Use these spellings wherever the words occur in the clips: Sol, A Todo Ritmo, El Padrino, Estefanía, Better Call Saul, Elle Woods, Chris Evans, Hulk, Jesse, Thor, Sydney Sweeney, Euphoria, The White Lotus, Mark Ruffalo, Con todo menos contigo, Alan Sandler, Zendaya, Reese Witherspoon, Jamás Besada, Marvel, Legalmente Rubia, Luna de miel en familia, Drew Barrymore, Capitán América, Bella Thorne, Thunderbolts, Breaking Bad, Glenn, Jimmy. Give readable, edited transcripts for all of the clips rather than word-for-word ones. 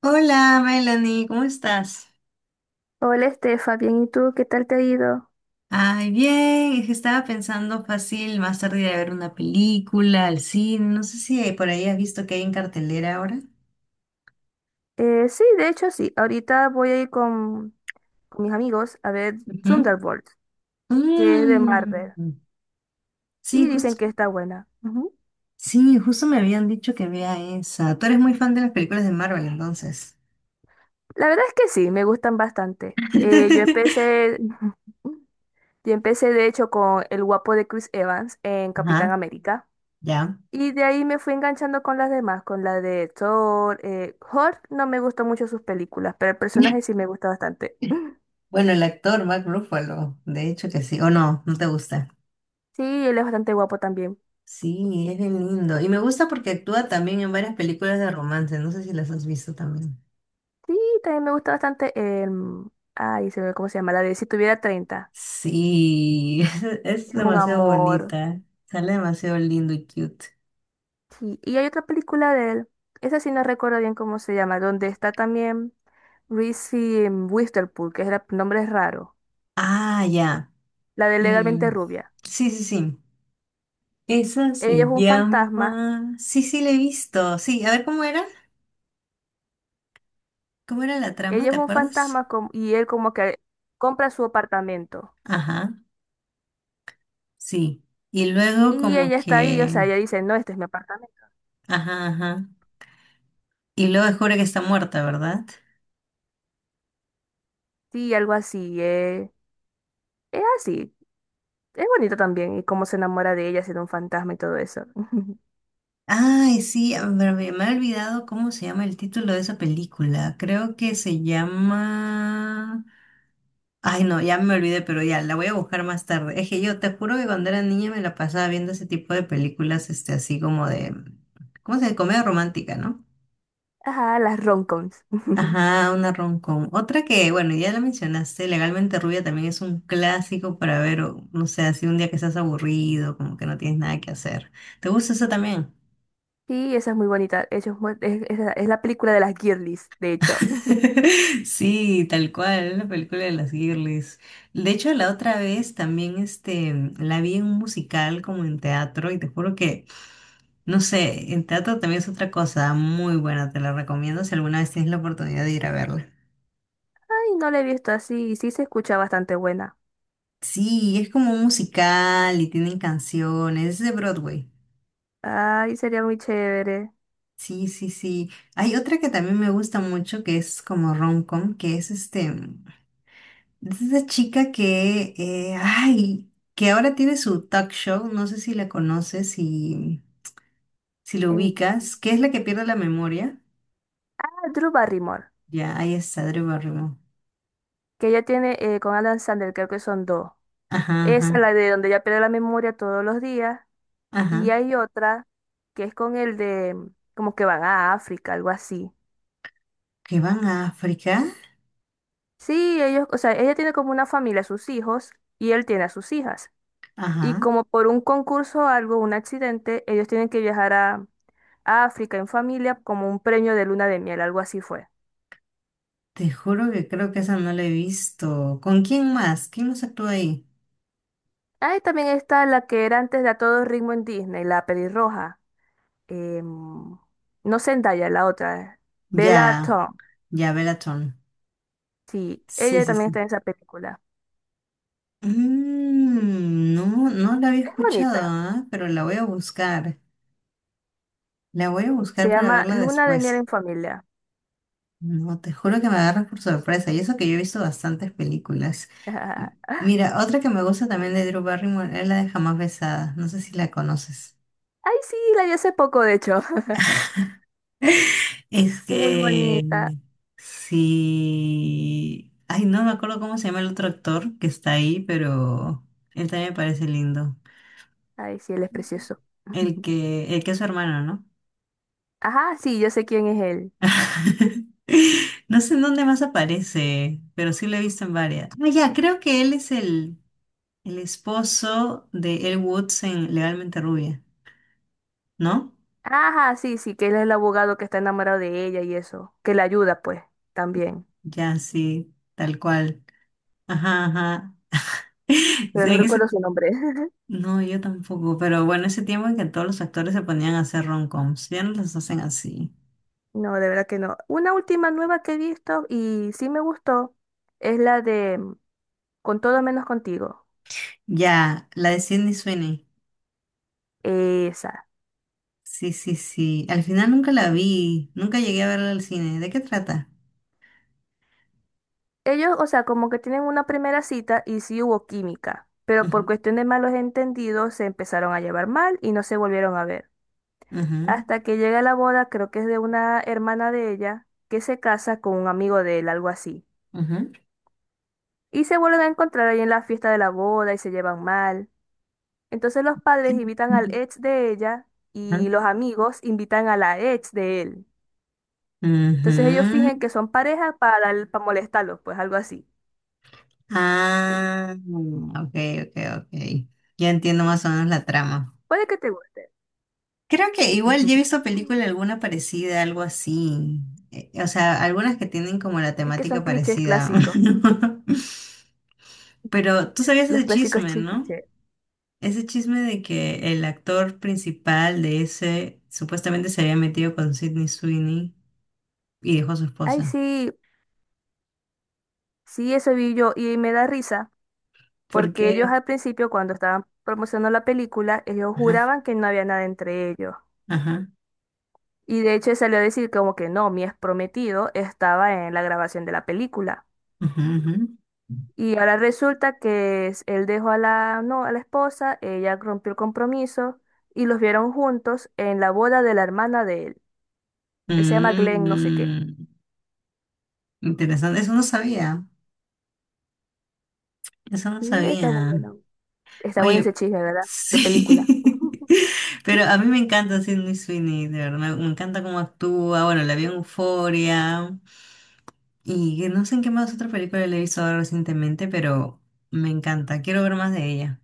Hola, Melanie, ¿cómo estás? Hola Estefa, bien, ¿y tú qué tal te ha ido? Ay, bien, es que estaba pensando fácil más tarde ir a ver una película, al cine, no sé si por ahí has visto que hay en cartelera ahora. Sí, de hecho sí, ahorita voy a ir con mis amigos a ver Ujú. Thunderbolts, que es de Mm, Marvel, y sí, justo, dicen que está buena. Ujú. sí, justo me habían dicho que vea esa. Tú eres muy fan de las películas de Marvel, entonces. La verdad es que sí, me gustan bastante. Yo empecé de hecho con el guapo de Chris Evans en Capitán Ajá, América, ya. y de ahí me fui enganchando con las demás, con la de Thor, Hulk, no me gustó mucho sus películas, pero el personaje sí me gusta bastante. Bueno, el actor Mark Ruffalo, de hecho que sí, o no, no te gusta. Sí, él es bastante guapo también. Sí, es bien lindo. Y me gusta porque actúa también en varias películas de romance. No sé si las has visto también. Sí, también me gusta bastante. em, Ay, se ve cómo se llama, la de Si tuviera 30. Sí, es Es un demasiado amor. bonita. Sale demasiado lindo y cute. Sí, y hay otra película de él. Esa sí no recuerdo bien cómo se llama, donde está también Reese Witherspoon, que es el nombre es raro. Ah, ya. La de Legalmente Mm, Rubia. sí, sí, sí. Esa Ella se es un fantasma. llama... Sí, sí, la he visto. Sí, a ver cómo era. ¿Cómo era la trama? Ella ¿Te es un acuerdas? fantasma y él como que compra su apartamento. Ajá, sí. Y luego Y como ella está ahí, o que... sea, ella dice, no, este es mi apartamento. Ajá, ajá. Y luego descubre que está muerta, ¿verdad? Sí, algo así. Es así. Es bonito también, y cómo se enamora de ella siendo un fantasma y todo eso. Ay, sí, a ver, me he olvidado cómo se llama el título de esa película. Creo que se llama... Ay, no, ya me olvidé, pero ya, la voy a buscar más tarde. Es que yo te juro que cuando era niña me la pasaba viendo ese tipo de películas, este, así como de... ¿Cómo se dice? Comedia romántica, ¿no? Ajá, las romcoms. Ajá, una rom-com. Otra que, bueno, ya la mencionaste, Legalmente Rubia también es un clásico para ver, o, no sé, así un día que estás aburrido, como que no tienes nada que hacer. ¿Te gusta eso también? Sí, esa es muy bonita. Eso es, es la película de las girlies, de hecho. Sí, tal cual, la película de las girlies. De hecho, la otra vez también este, la vi en un musical como en teatro y te juro que, no sé, en teatro también es otra cosa muy buena, te la recomiendo si alguna vez tienes la oportunidad de ir a verla. Ay, no la he visto así, y sí se escucha bastante buena. Sí, es como un musical y tienen canciones, es de Broadway. Ay, sería muy chévere. Sí, sí, sí. Hay otra que también me gusta mucho que es como rom-com, que es este, es esa chica que, ay, que ahora tiene su talk show, no sé si la conoces, si, si lo Eh, ubicas, que es la que pierde la memoria. ah, Drew Barrymore, Ya, ahí está, Drew Barrymore. que ella tiene con Alan Sandler, creo que son dos. Ajá, Esa es ajá, la de donde ella pierde la memoria todos los días. Y ajá. hay otra que es como que van a África, algo así. Que van a África. Sí, ellos, o sea, ella tiene como una familia, sus hijos, y él tiene a sus hijas. Y Ajá. como por un concurso o algo, un accidente, ellos tienen que viajar a África en familia como un premio de luna de miel, algo así fue. Te juro que creo que esa no la he visto. ¿Con quién más? ¿Quién más actúa ahí? Ahí también está la que era antes de A Todo Ritmo en Disney, la pelirroja. em, no Zendaya, la otra, Bella Ya, Thorne. ya, Belatón. Sí, Sí, ella sí, también está sí. en esa película. Mm, no, no la había Es escuchado, bonita. ah, pero la voy a buscar. La voy a Se buscar para llama verla Luna de miel después. en familia. No, te juro que me agarras por sorpresa, y eso que yo he visto bastantes películas. Y Ay, mira, otra que me gusta también de Drew Barrymore es la de Jamás Besada, no sé si la conoces. sí, la vi hace poco, de hecho. Es Es muy que bonita. sí. Ay, no me acuerdo cómo se llama el otro actor que está ahí, pero él también me parece lindo. Ay, sí, él es precioso. El que, el que es su hermano, ¿no? Ajá, sí, yo sé quién es él. No sé en dónde más aparece, pero sí lo he visto en varias. Ah, ya, creo que él es el. El esposo de Elle Woods en Legalmente Rubia, ¿no? Ajá, sí, sí, que él es el abogado que está enamorado de ella y eso, que la ayuda, pues, también. Ya, sí, tal cual. Ajá, ajá. Pero no En recuerdo ese... su nombre. No, yo tampoco, pero bueno, ese tiempo en que todos los actores se ponían a hacer rom-coms, ya no las hacen así. No, de verdad que no. Una última nueva que he visto y sí me gustó es la de Con todo menos contigo. Ya, la de Sydney Sweeney. Esa. Sí, sí, sí. Al final nunca la vi, nunca llegué a verla al cine. ¿De qué trata? Ellos, o sea, como que tienen una primera cita y sí hubo química, pero por Ujú, cuestión de malos entendidos se empezaron a llevar mal y no se volvieron a ver. ujú, Hasta que llega la boda, creo que es de una hermana de ella, que se casa con un amigo de él, algo así. ujú, Y se vuelven a encontrar ahí en la fiesta de la boda y se llevan mal. Entonces los padres invitan al ex de ella ujú, y los amigos invitan a la ex de él. Entonces ellos fingen que ujú. son pareja para molestarlos, pues algo así. Ah, ok, ok, ok. Ya entiendo más o menos la trama. Puede que te guste. Creo que Sí. igual yo he visto película alguna parecida, algo así. O sea, algunas que tienen como la Es que son temática clichés parecida. clásicos, Pero tú sabías los ese clásicos chisme, ¿no? clichés. Ese chisme de que el actor principal de ese supuestamente se había metido con Sidney Sweeney y dejó a su Ay, esposa. sí, sí, eso vi yo y me da risa ¿Por porque ellos qué? al principio, cuando estaban promocionando la película, ellos Ajá, juraban que no había nada entre ellos. ajá, Y de hecho salió a decir como que no, mi ex prometido estaba en la grabación de la película. ajá, ajá. Y ahora resulta que él dejó no, a la esposa, ella rompió el compromiso y los vieron juntos en la boda de la hermana de él, que se llama Glenn no sé qué. Mm, interesante, eso no sabía. Eso no Sí, está muy sabía. bueno. Está bueno ese Oye, chisme, ¿verdad? De película. sí. Pero a mí me encanta Sydney Sweeney, de verdad. Me encanta cómo actúa. Bueno, la vi en Euphoria. Y que no sé en qué más otra película le he visto ahora recientemente, pero me encanta. Quiero ver más de ella.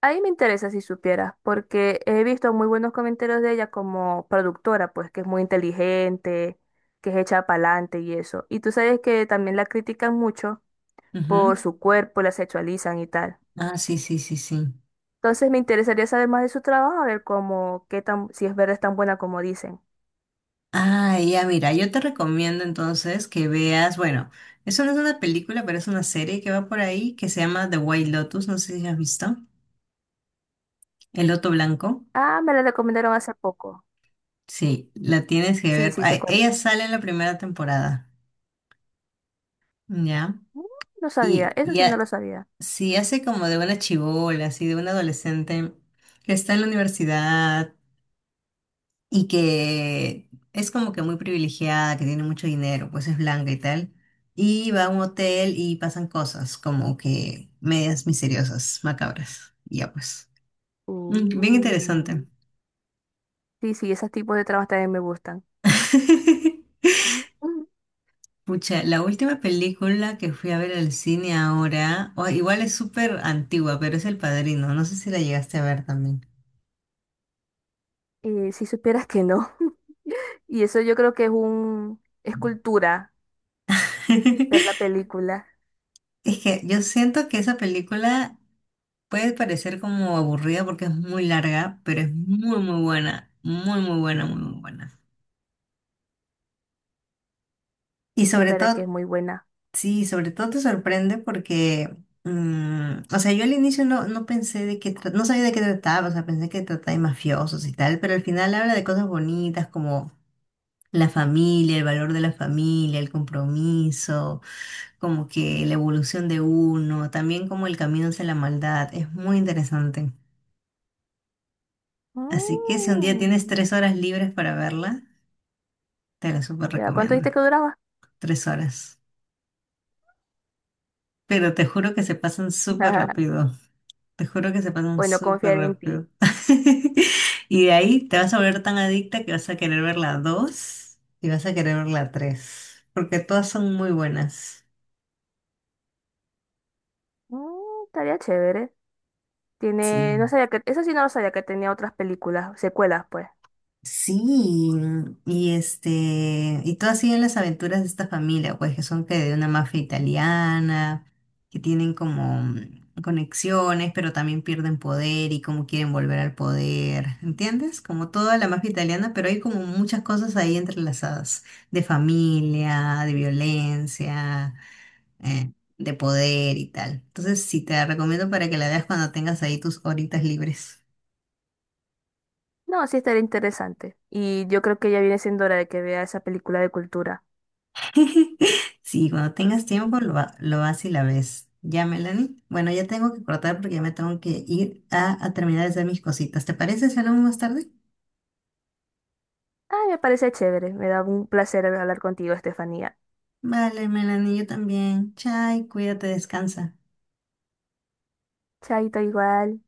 Ahí me interesa si supieras, porque he visto muy buenos comentarios de ella como productora, pues que es muy inteligente, que es hecha para adelante y eso. Y tú sabes que también la critican mucho por Ujú. su cuerpo, la sexualizan y tal. Ah, sí, sí, sí, sí. Entonces me interesaría saber más de su trabajo, a ver cómo, qué tan, si es verdad es tan buena como dicen. Ah, ya, mira, yo te recomiendo entonces que veas, bueno, eso no es una película, pero es una serie que va por ahí que se llama The White Lotus. No sé si has visto. El Loto Blanco. Ah, me la recomendaron hace poco. Sí, la tienes que Sí, ver. sí, sé Ay, cuál es. ella sale en la primera temporada, ¿ya? Mm, no sabía, Y, eso y sí no ha- lo sabía. sí hace como de una chibola, así de una adolescente que está en la universidad y que es como que muy privilegiada, que tiene mucho dinero, pues es blanca y tal. Y va a un hotel y pasan cosas como que medias misteriosas, macabras. Y ya pues. Mm, bien Uh. interesante. Sí, sí, esos tipos de trabajos también me gustan. Mm, mm. Pucha, la última película que fui a ver al cine ahora, o- igual es súper antigua, pero es El Padrino. No sé si la llegaste a ver también. Si supieras que no. Y eso yo creo que es es cultura ver la película. Es que yo siento que esa película puede parecer como aburrida porque es muy larga, pero es muy, muy buena. Muy, muy buena, muy, muy buena. Y Es sobre verdad que todo, es muy buena. sí, sobre todo te sorprende porque, o sea, yo al inicio no, no pensé de qué, no sabía de qué trataba, o sea, pensé que trataba de mafiosos y tal, pero al final habla de cosas bonitas como la familia, el valor de la familia, el compromiso, como que la evolución de uno, también como el camino hacia la maldad, es muy interesante. Así que si un día tienes Mm. 3 horas libres para verla, te la súper ¿Ya cuánto recomiendo. dijiste que duraba? 3 horas. Pero te juro que se pasan súper Ajá. rápido. Te juro que se pasan Bueno, súper confiar en ti. rápido. Y de ahí te vas a volver tan adicta que vas a querer ver la dos y vas a querer ver la tres. Porque todas son muy buenas. Mm, estaría chévere. Tiene, no Sí. sabía eso sí no lo sabía que tenía otras películas, secuelas, pues. Sí, y este, y todo así en las aventuras de esta familia, pues que son que de una mafia italiana, que tienen como conexiones, pero también pierden poder y cómo quieren volver al poder, ¿entiendes? Como toda la mafia italiana, pero hay como muchas cosas ahí entrelazadas, de familia, de violencia, eh, de poder y tal. Entonces, sí, te la recomiendo para que la veas cuando tengas ahí tus horitas libres. No, sí estaría interesante. Y yo creo que ya viene siendo hora de que vea esa película de cultura. Sí, cuando tengas tiempo Ujú. lo, lo vas y la ves. Ya, Melanie. Bueno, ya tengo que cortar porque ya me tengo que ir a terminar de hacer mis cositas. ¿Te parece si hablamos más tarde? Ay, me parece chévere. Me da un placer hablar contigo, Estefanía. Vale, Melanie, yo también. Chai, cuídate, descansa. Chaito igual.